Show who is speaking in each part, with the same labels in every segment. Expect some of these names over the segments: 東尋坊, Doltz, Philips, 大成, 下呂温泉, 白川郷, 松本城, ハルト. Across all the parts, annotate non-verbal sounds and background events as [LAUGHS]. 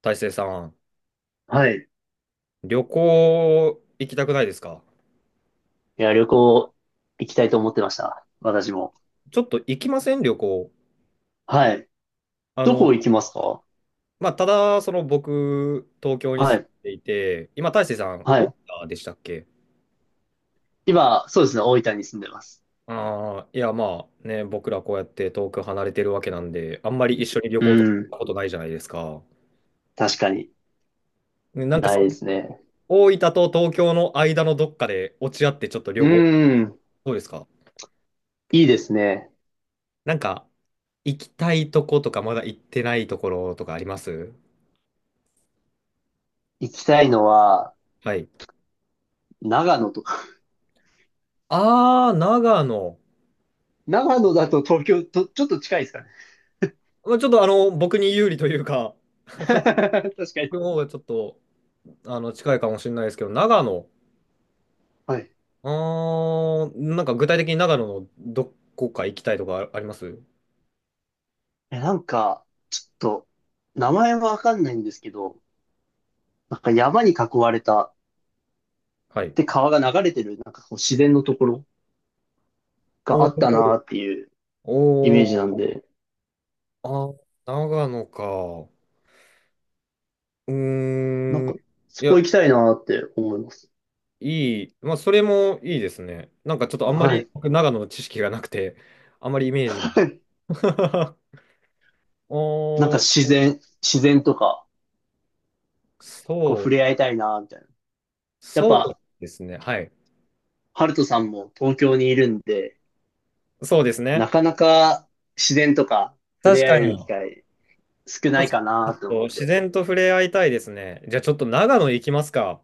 Speaker 1: 大成さん、
Speaker 2: はい。
Speaker 1: 旅行行きたくないですか？
Speaker 2: いや、旅行行きたいと思ってました。私も。
Speaker 1: ちょっと行きません旅行。
Speaker 2: はい。
Speaker 1: あ
Speaker 2: ど
Speaker 1: の、
Speaker 2: こ行きますか？
Speaker 1: まあ、ただ、その僕、東京に
Speaker 2: は
Speaker 1: 住
Speaker 2: い。
Speaker 1: んでいて、今、大成さん、
Speaker 2: は
Speaker 1: 大
Speaker 2: い。
Speaker 1: 分でしたっけ？
Speaker 2: 今、そうですね。大分に住んでます。
Speaker 1: ああー、いや、まあね、僕らこうやって遠く離れてるわけなんで、あんまり一緒に旅
Speaker 2: う
Speaker 1: 行とか行っ
Speaker 2: ん。
Speaker 1: たことないじゃないですか。
Speaker 2: 確かに。
Speaker 1: ね、なんか
Speaker 2: ないですね。
Speaker 1: 大分と東京の間のどっかで落ち合ってちょっと旅
Speaker 2: う
Speaker 1: 行、
Speaker 2: ん。
Speaker 1: どうですか？
Speaker 2: いいですね。
Speaker 1: なんか、行きたいとことか、まだ行ってないところとかあります？
Speaker 2: 行きたいのは、
Speaker 1: はい。
Speaker 2: 長野とか。
Speaker 1: ああ、長野。
Speaker 2: [LAUGHS] 長野だと東京と、ちょっと近いですかね。
Speaker 1: まあ、ちょっと僕に有利というか、
Speaker 2: [LAUGHS] 確か
Speaker 1: 僕の
Speaker 2: に。
Speaker 1: 方がちょっと、近いかもしれないですけど、長野。
Speaker 2: はい。
Speaker 1: あー、なんか具体的に長野のどこか行きたいとかあります？
Speaker 2: え、なんか、ちょっと、名前はわかんないんですけど、なんか山に囲われた、
Speaker 1: はい。
Speaker 2: で、川が流れてる、なんかこう自然のところが
Speaker 1: お
Speaker 2: あった
Speaker 1: ー、
Speaker 2: なっていうイメ
Speaker 1: お
Speaker 2: ージなん
Speaker 1: ー、
Speaker 2: で、
Speaker 1: あ、長野か。う
Speaker 2: なん
Speaker 1: ーん。
Speaker 2: か、
Speaker 1: い
Speaker 2: そ
Speaker 1: や、
Speaker 2: こ行きたいなって思います。
Speaker 1: いい。まあ、それもいいですね。なんかちょっとあんま
Speaker 2: は
Speaker 1: り
Speaker 2: い。
Speaker 1: 僕長野の知識がなくて、あんまりイメージが。
Speaker 2: [LAUGHS]
Speaker 1: [LAUGHS]
Speaker 2: なん
Speaker 1: お
Speaker 2: か自
Speaker 1: ー、
Speaker 2: 然、自然とか、こう
Speaker 1: そ
Speaker 2: 触
Speaker 1: う、
Speaker 2: れ合いたいなみたいな。やっ
Speaker 1: そう
Speaker 2: ぱ、
Speaker 1: ですね。はい。
Speaker 2: ハルトさんも東京にいるんで、
Speaker 1: そうですね。
Speaker 2: なかなか自然とか触
Speaker 1: 確
Speaker 2: れ合
Speaker 1: か
Speaker 2: える機
Speaker 1: に。
Speaker 2: 会少
Speaker 1: そ
Speaker 2: な
Speaker 1: う
Speaker 2: い
Speaker 1: ですね、
Speaker 2: か
Speaker 1: ちょっ
Speaker 2: なと思
Speaker 1: と
Speaker 2: っ
Speaker 1: 自
Speaker 2: て。
Speaker 1: 然と触れ合いたいですね。じゃあちょっと長野行きますか。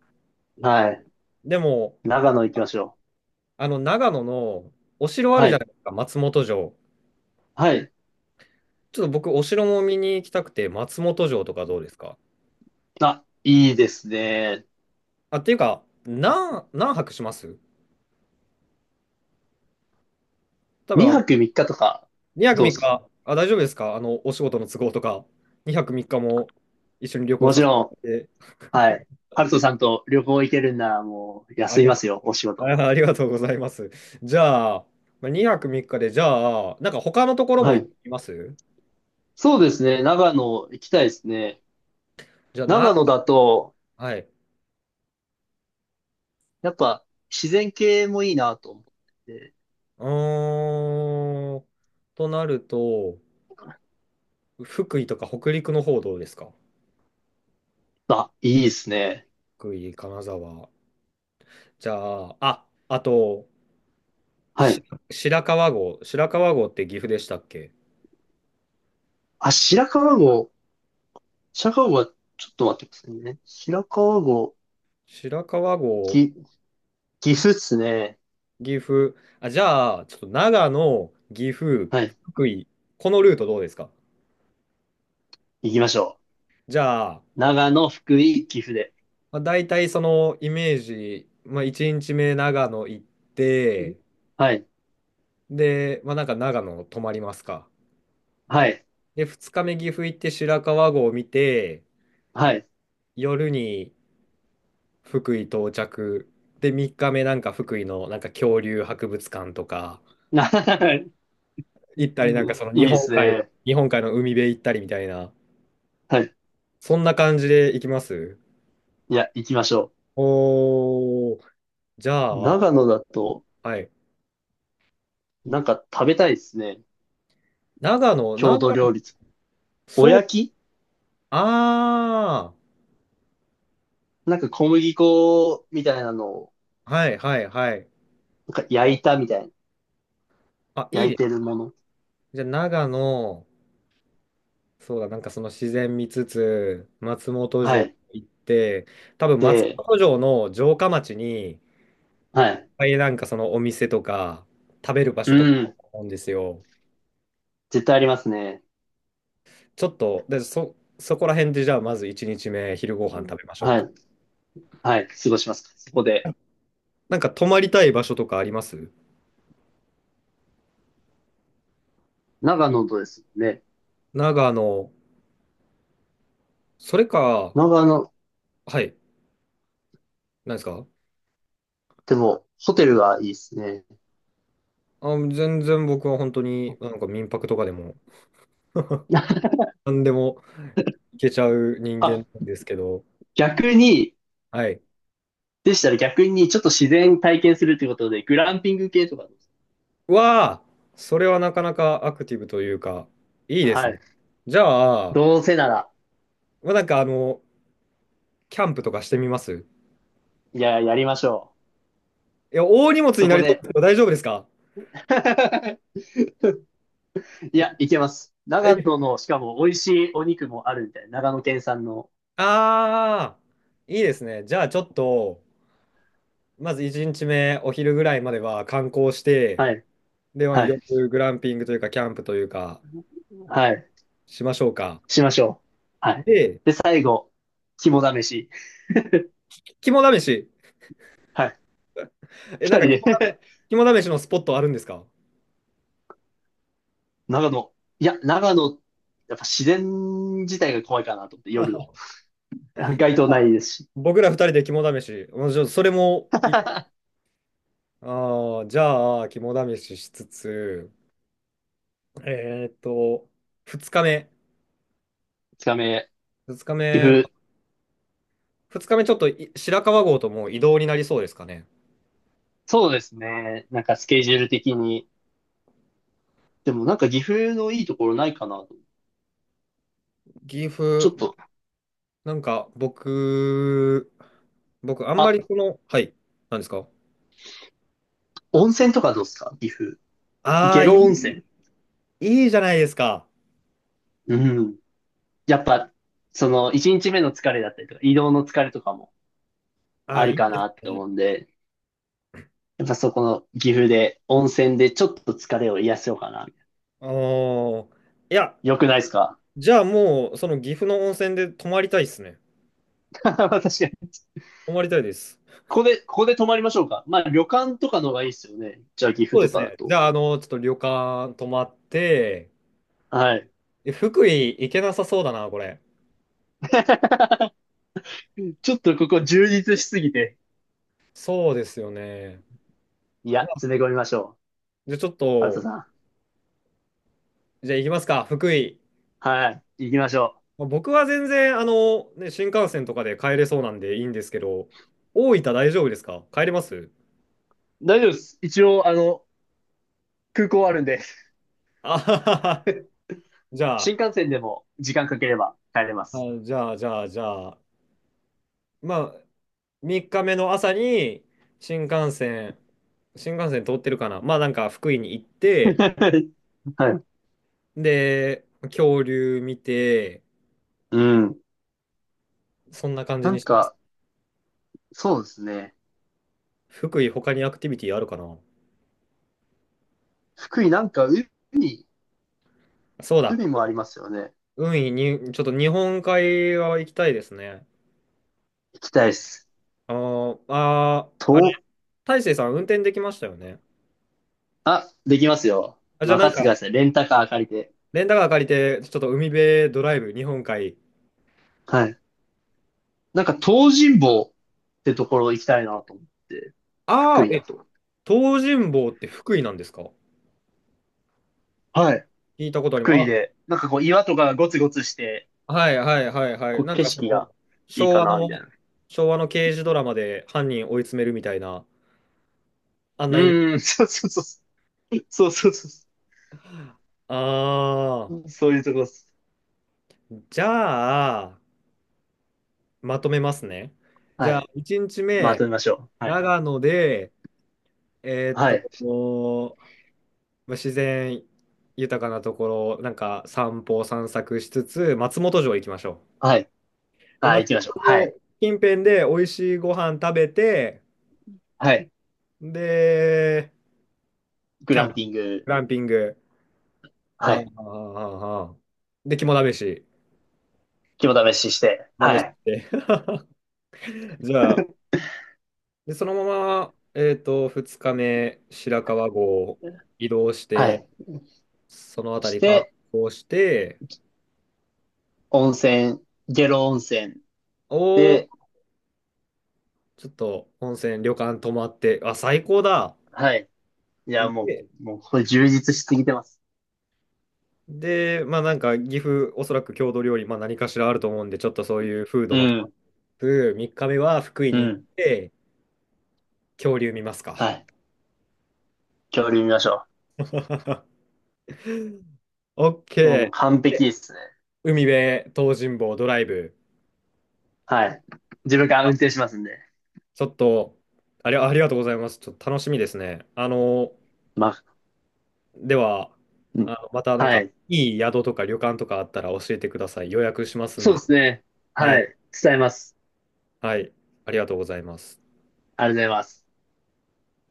Speaker 2: はい。
Speaker 1: でも、
Speaker 2: 長野行きましょ
Speaker 1: あの長野のお城あ
Speaker 2: う。
Speaker 1: る
Speaker 2: は
Speaker 1: じゃ
Speaker 2: い。
Speaker 1: ないですか、松本城。
Speaker 2: はい。
Speaker 1: ちょっと僕、お城も見に行きたくて、松本城とかどうですか？
Speaker 2: あ、いいですね。
Speaker 1: あ、っていうか、何泊します？多分
Speaker 2: 2泊3日とか、
Speaker 1: 2泊
Speaker 2: どうで
Speaker 1: 3
Speaker 2: すか？
Speaker 1: 日、あ、大丈夫ですか？お仕事の都合とか、2泊3日も一緒に旅行
Speaker 2: もち
Speaker 1: させ
Speaker 2: ろん、
Speaker 1: て、
Speaker 2: はい。ハルトさんと旅行行けるんならもう
Speaker 1: あ
Speaker 2: 休
Speaker 1: り
Speaker 2: み
Speaker 1: が
Speaker 2: ま
Speaker 1: と
Speaker 2: すよ、お仕
Speaker 1: う、
Speaker 2: 事。
Speaker 1: あありがとうございます。じゃあ、まあ2泊3日で、じゃあ、なんか他のところも
Speaker 2: は
Speaker 1: 行
Speaker 2: い。
Speaker 1: きます
Speaker 2: そうですね。長野行きたいですね。
Speaker 1: じゃあ、な、
Speaker 2: 長野だと、
Speaker 1: はい。
Speaker 2: やっぱ自然系もいいなと思って。
Speaker 1: うーん。となると、福井とか北陸の方どうですか？
Speaker 2: あ、いいですね。
Speaker 1: 福井、金沢。じゃあ、あ、あと、
Speaker 2: は
Speaker 1: し
Speaker 2: い。
Speaker 1: 白川郷。白川郷って岐阜でしたっけ？
Speaker 2: あ、白川郷。白川郷は、ちょっと待ってくださいね。白川郷、
Speaker 1: 白川郷、
Speaker 2: ぎ、岐阜っすね。
Speaker 1: 岐阜。あ、じゃあ、ちょっと長野、岐阜、
Speaker 2: はい。
Speaker 1: 福井。このルートどうですか？
Speaker 2: 行きましょ
Speaker 1: じゃあ、
Speaker 2: う。長野、福井、岐阜で。
Speaker 1: まあ、大体そのイメージ、まあ、1日目長野行って、
Speaker 2: はい。
Speaker 1: で、まあ、なんか長野泊まりますか。
Speaker 2: はい。
Speaker 1: で、2日目岐阜行って白川郷を見て、
Speaker 2: はい。
Speaker 1: 夜に福井到着。で、3日目なんか福井のなんか恐竜博物館とか
Speaker 2: [LAUGHS]
Speaker 1: 行ったり、なんかその
Speaker 2: い
Speaker 1: 日
Speaker 2: いで
Speaker 1: 本
Speaker 2: す
Speaker 1: 海、
Speaker 2: ね。
Speaker 1: 日本海の海辺行ったりみたいな、
Speaker 2: はい。
Speaker 1: そんな感じで行きます
Speaker 2: いや、行きましょ
Speaker 1: おー、じゃ
Speaker 2: う。
Speaker 1: あ、
Speaker 2: 長野だと、
Speaker 1: はい。
Speaker 2: なんか食べたいですね。
Speaker 1: 長野、長
Speaker 2: 郷土
Speaker 1: 野、
Speaker 2: 料理。お
Speaker 1: そう、
Speaker 2: やき。
Speaker 1: あ
Speaker 2: なんか小麦粉みたいなのを、
Speaker 1: ー、はいはいはい。
Speaker 2: なんか焼いたみたいな。
Speaker 1: あ、いい
Speaker 2: 焼い
Speaker 1: で
Speaker 2: て
Speaker 1: す。
Speaker 2: るもの。
Speaker 1: じゃあ長野、そうだ、なんかその自然見つつ、松本
Speaker 2: は
Speaker 1: 城
Speaker 2: い。
Speaker 1: 行って、多分松
Speaker 2: で、
Speaker 1: 本城の城下町に、いっ
Speaker 2: はい。
Speaker 1: ぱいなんかそのお店とか、食べる場
Speaker 2: う
Speaker 1: 所とかある
Speaker 2: ん。
Speaker 1: と思うんですよ。
Speaker 2: 絶対ありますね。
Speaker 1: ちょっと、で、そこら辺でじゃあまず1日目、昼ご飯食べましょう
Speaker 2: は
Speaker 1: か。
Speaker 2: い。はい。過ごします。そこで。
Speaker 1: なんか泊まりたい場所とかあります？
Speaker 2: 長野とですね。
Speaker 1: 長野、それか、
Speaker 2: 長野、
Speaker 1: はい、何ですか？
Speaker 2: でも、ホテルがいいですね。
Speaker 1: あ、全然僕は本当になんか民泊とかでも、
Speaker 2: [LAUGHS]
Speaker 1: 何でも行けちゃう人
Speaker 2: あ、
Speaker 1: 間なんですけど、
Speaker 2: 逆に、
Speaker 1: はい。
Speaker 2: でしたら逆にちょっと自然体験するということで、グランピング系とかどうです
Speaker 1: わあ、それはなかなかアクティブというか、いい
Speaker 2: か？
Speaker 1: です
Speaker 2: は
Speaker 1: ね。
Speaker 2: い。
Speaker 1: じゃあ、
Speaker 2: どうせなら、
Speaker 1: まあ、なんかキャンプとかしてみますい
Speaker 2: いや、やりましょ
Speaker 1: や、大荷
Speaker 2: う。
Speaker 1: 物に
Speaker 2: そ
Speaker 1: な
Speaker 2: こ
Speaker 1: りそう
Speaker 2: で。
Speaker 1: ですけど、大丈夫ですか？
Speaker 2: [LAUGHS] いや、いけます。長
Speaker 1: え、
Speaker 2: 野の、しかも美味しいお肉もあるみたいな。長野県産の。
Speaker 1: ああ、いいですね。じゃあ、ちょっと、まず1日目、お昼ぐらいまでは観光して、
Speaker 2: はい。
Speaker 1: で、まあ
Speaker 2: は
Speaker 1: 夜、
Speaker 2: い。
Speaker 1: グランピングというか、キャンプというか、
Speaker 2: はい。
Speaker 1: しましょうか。
Speaker 2: しましょう。はい。
Speaker 1: で、
Speaker 2: で、最後、肝試し。
Speaker 1: 肝試し。
Speaker 2: はい。
Speaker 1: え、な
Speaker 2: 二
Speaker 1: んか
Speaker 2: 人で。
Speaker 1: 肝試しのスポットあるんですか？
Speaker 2: [LAUGHS] 長野。いや、長野、やっぱ自然自体が怖いかなと思って、夜の。[LAUGHS] 街灯ないですし。
Speaker 1: 僕ら2人で肝試し。まあちょっとそれも
Speaker 2: [LAUGHS]
Speaker 1: ああ、じゃあ、肝試ししつつ、えーっと、2日目。
Speaker 2: 二日目、
Speaker 1: 2日
Speaker 2: 岐
Speaker 1: 目、
Speaker 2: 阜。
Speaker 1: 2日目ちょっと白川郷ともう移動になりそうですかね。
Speaker 2: そうですね。なんかスケジュール的に。でもなんか岐阜のいいところないかなと。
Speaker 1: 岐
Speaker 2: ちょ
Speaker 1: 阜、
Speaker 2: っと、
Speaker 1: なんか僕あんま
Speaker 2: あ、
Speaker 1: りこの、はい、なんですか？
Speaker 2: 温泉とかどうですか？岐阜。
Speaker 1: あ
Speaker 2: 下
Speaker 1: あ、
Speaker 2: 呂温泉。
Speaker 1: いいじゃないですか。
Speaker 2: うん。やっぱ、その、一日目の疲れだったりとか、移動の疲れとかも
Speaker 1: あ
Speaker 2: あ
Speaker 1: あ、い
Speaker 2: る
Speaker 1: い
Speaker 2: か
Speaker 1: で
Speaker 2: なっ
Speaker 1: す
Speaker 2: て
Speaker 1: ね。
Speaker 2: 思うんで、やっぱそこの岐阜で、温泉でちょっと疲れを癒やせようかな。
Speaker 1: あー、いや、
Speaker 2: よくないですか？
Speaker 1: じゃあもう、その岐阜の温泉で泊まりたいですね。
Speaker 2: [LAUGHS] 確かに。
Speaker 1: 泊まりたいです。
Speaker 2: ここで、ここで泊まりましょうか。まあ、旅館とかの方がいいですよね。じゃあ、
Speaker 1: そ
Speaker 2: 岐阜
Speaker 1: うで
Speaker 2: と
Speaker 1: す
Speaker 2: かだ
Speaker 1: ね。じ
Speaker 2: と。
Speaker 1: ゃあ、ちょっと旅館泊まって、
Speaker 2: はい。
Speaker 1: え、福井行けなさそうだな、これ。
Speaker 2: [LAUGHS] ちょっとここ充実しすぎて。
Speaker 1: そうですよね。
Speaker 2: いや、
Speaker 1: まあ、
Speaker 2: 詰め込みましょう。
Speaker 1: じゃあちょっ
Speaker 2: ハルト
Speaker 1: と、
Speaker 2: さん。
Speaker 1: じゃあ行きますか、福井。
Speaker 2: はい。行きましょ
Speaker 1: まあ僕は全然、ね、新幹線とかで帰れそうなんでいいんですけど、大分大丈夫ですか？帰れます
Speaker 2: う。大丈夫です。一応、あの、空港あるんで。
Speaker 1: あははは。じゃあ、
Speaker 2: 新幹線でも時間かければ帰れま
Speaker 1: あ、
Speaker 2: す。
Speaker 1: じゃあ、じゃあ、じゃあ、まあ、3日目の朝に、新幹線、新幹線通ってるかな、まあ、なんか福井に行って、
Speaker 2: [LAUGHS] はい。
Speaker 1: で、恐竜見て、
Speaker 2: うん。
Speaker 1: そんな感じ
Speaker 2: な
Speaker 1: に
Speaker 2: ん
Speaker 1: します。
Speaker 2: か、そうですね。
Speaker 1: 福井、他にアクティビティあるかな？
Speaker 2: 福井なんか海、
Speaker 1: そうだ。
Speaker 2: 海もありますよね。
Speaker 1: 海に、ちょっと日本海側行きたいですね。
Speaker 2: 行きたいです。と、
Speaker 1: あれ、大成さん運転できましたよね。
Speaker 2: あ、できますよ。
Speaker 1: あ、じゃあな
Speaker 2: 任
Speaker 1: ん
Speaker 2: せて
Speaker 1: か、
Speaker 2: ください。レンタカー借りて。
Speaker 1: レンタカー借りて、ちょっと海辺ドライブ、日本海。
Speaker 2: はい。なんか東尋坊ってところ行きたいなと思って。
Speaker 1: あ
Speaker 2: 福
Speaker 1: あ、
Speaker 2: 井
Speaker 1: え、
Speaker 2: だと。
Speaker 1: 東尋坊って福井なんですか？
Speaker 2: はい。
Speaker 1: 聞いたことあり
Speaker 2: 福井
Speaker 1: ます。
Speaker 2: で。なんかこう岩とかがゴツゴツして、
Speaker 1: あ、はいはいはいはい。
Speaker 2: こう
Speaker 1: なん
Speaker 2: 景
Speaker 1: かそ
Speaker 2: 色が
Speaker 1: の、
Speaker 2: いい
Speaker 1: 昭
Speaker 2: か
Speaker 1: 和
Speaker 2: な、みたい
Speaker 1: の、
Speaker 2: な。
Speaker 1: 昭和の刑事ドラマで犯人追い詰めるみたいな、あんなイメージ。
Speaker 2: そうそうそうそう。そうそうそうそ
Speaker 1: ああ、
Speaker 2: う。いうとこです。
Speaker 1: じゃあ、まとめますね。じ
Speaker 2: は
Speaker 1: ゃあ、
Speaker 2: い。
Speaker 1: 1日
Speaker 2: まと
Speaker 1: 目、
Speaker 2: めましょう。はい。
Speaker 1: 長野で、
Speaker 2: はい。
Speaker 1: もうまあ自然豊かなところ、なんか散歩散策しつつ、松本城行きましょ
Speaker 2: はい。
Speaker 1: う。で、
Speaker 2: はい、
Speaker 1: 松
Speaker 2: 行きましょう。
Speaker 1: 本
Speaker 2: は
Speaker 1: 城
Speaker 2: い。
Speaker 1: 近辺で美味しいご飯食べて、
Speaker 2: はい。
Speaker 1: で、
Speaker 2: グ
Speaker 1: キャ
Speaker 2: ラ
Speaker 1: ンプ、
Speaker 2: ンピング、
Speaker 1: グランピング、
Speaker 2: は
Speaker 1: あーあ
Speaker 2: い。
Speaker 1: ー、あーあで、肝試し、
Speaker 2: 肝試しして、
Speaker 1: 試
Speaker 2: は
Speaker 1: し
Speaker 2: い。
Speaker 1: て、[LAUGHS] じゃあ、
Speaker 2: [LAUGHS]
Speaker 1: で、そのまま、2日目、白川郷移動し
Speaker 2: は
Speaker 1: て、
Speaker 2: い。
Speaker 1: そのあた
Speaker 2: し
Speaker 1: り観
Speaker 2: て、
Speaker 1: 光して、
Speaker 2: 温泉、下呂温泉
Speaker 1: おー、
Speaker 2: で、
Speaker 1: ちょっと温泉、旅館泊まって、あ、最高だ。
Speaker 2: はい。いや、も
Speaker 1: で、
Speaker 2: う、もう、これ充実しすぎてます。
Speaker 1: で、まあなんか岐阜、おそらく郷土料理、まあ何かしらあると思うんで、ちょっとそういうフード
Speaker 2: う
Speaker 1: も食
Speaker 2: ん、
Speaker 1: べつつ、3日目は福井
Speaker 2: う
Speaker 1: に行っ
Speaker 2: ん。
Speaker 1: て、恐竜見ますか。
Speaker 2: はい。恐竜見ましょ
Speaker 1: [LAUGHS]
Speaker 2: う。もう完
Speaker 1: OK。
Speaker 2: 璧
Speaker 1: で、
Speaker 2: ですね。
Speaker 1: 海辺、東尋坊ドライブ。
Speaker 2: はい。自分から運
Speaker 1: あ、
Speaker 2: 転しますんで。
Speaker 1: ちょっと、ありがとうございます。ちょっと楽しみですね。
Speaker 2: まあ、
Speaker 1: では、
Speaker 2: うん、
Speaker 1: またなん
Speaker 2: は
Speaker 1: か、
Speaker 2: い。
Speaker 1: いい宿とか旅館とかあったら教えてください。予約しますん
Speaker 2: そうで
Speaker 1: で。
Speaker 2: すね。
Speaker 1: は
Speaker 2: は
Speaker 1: い。
Speaker 2: い。伝えます。
Speaker 1: はい。ありがとうございます。
Speaker 2: ありがとうございます。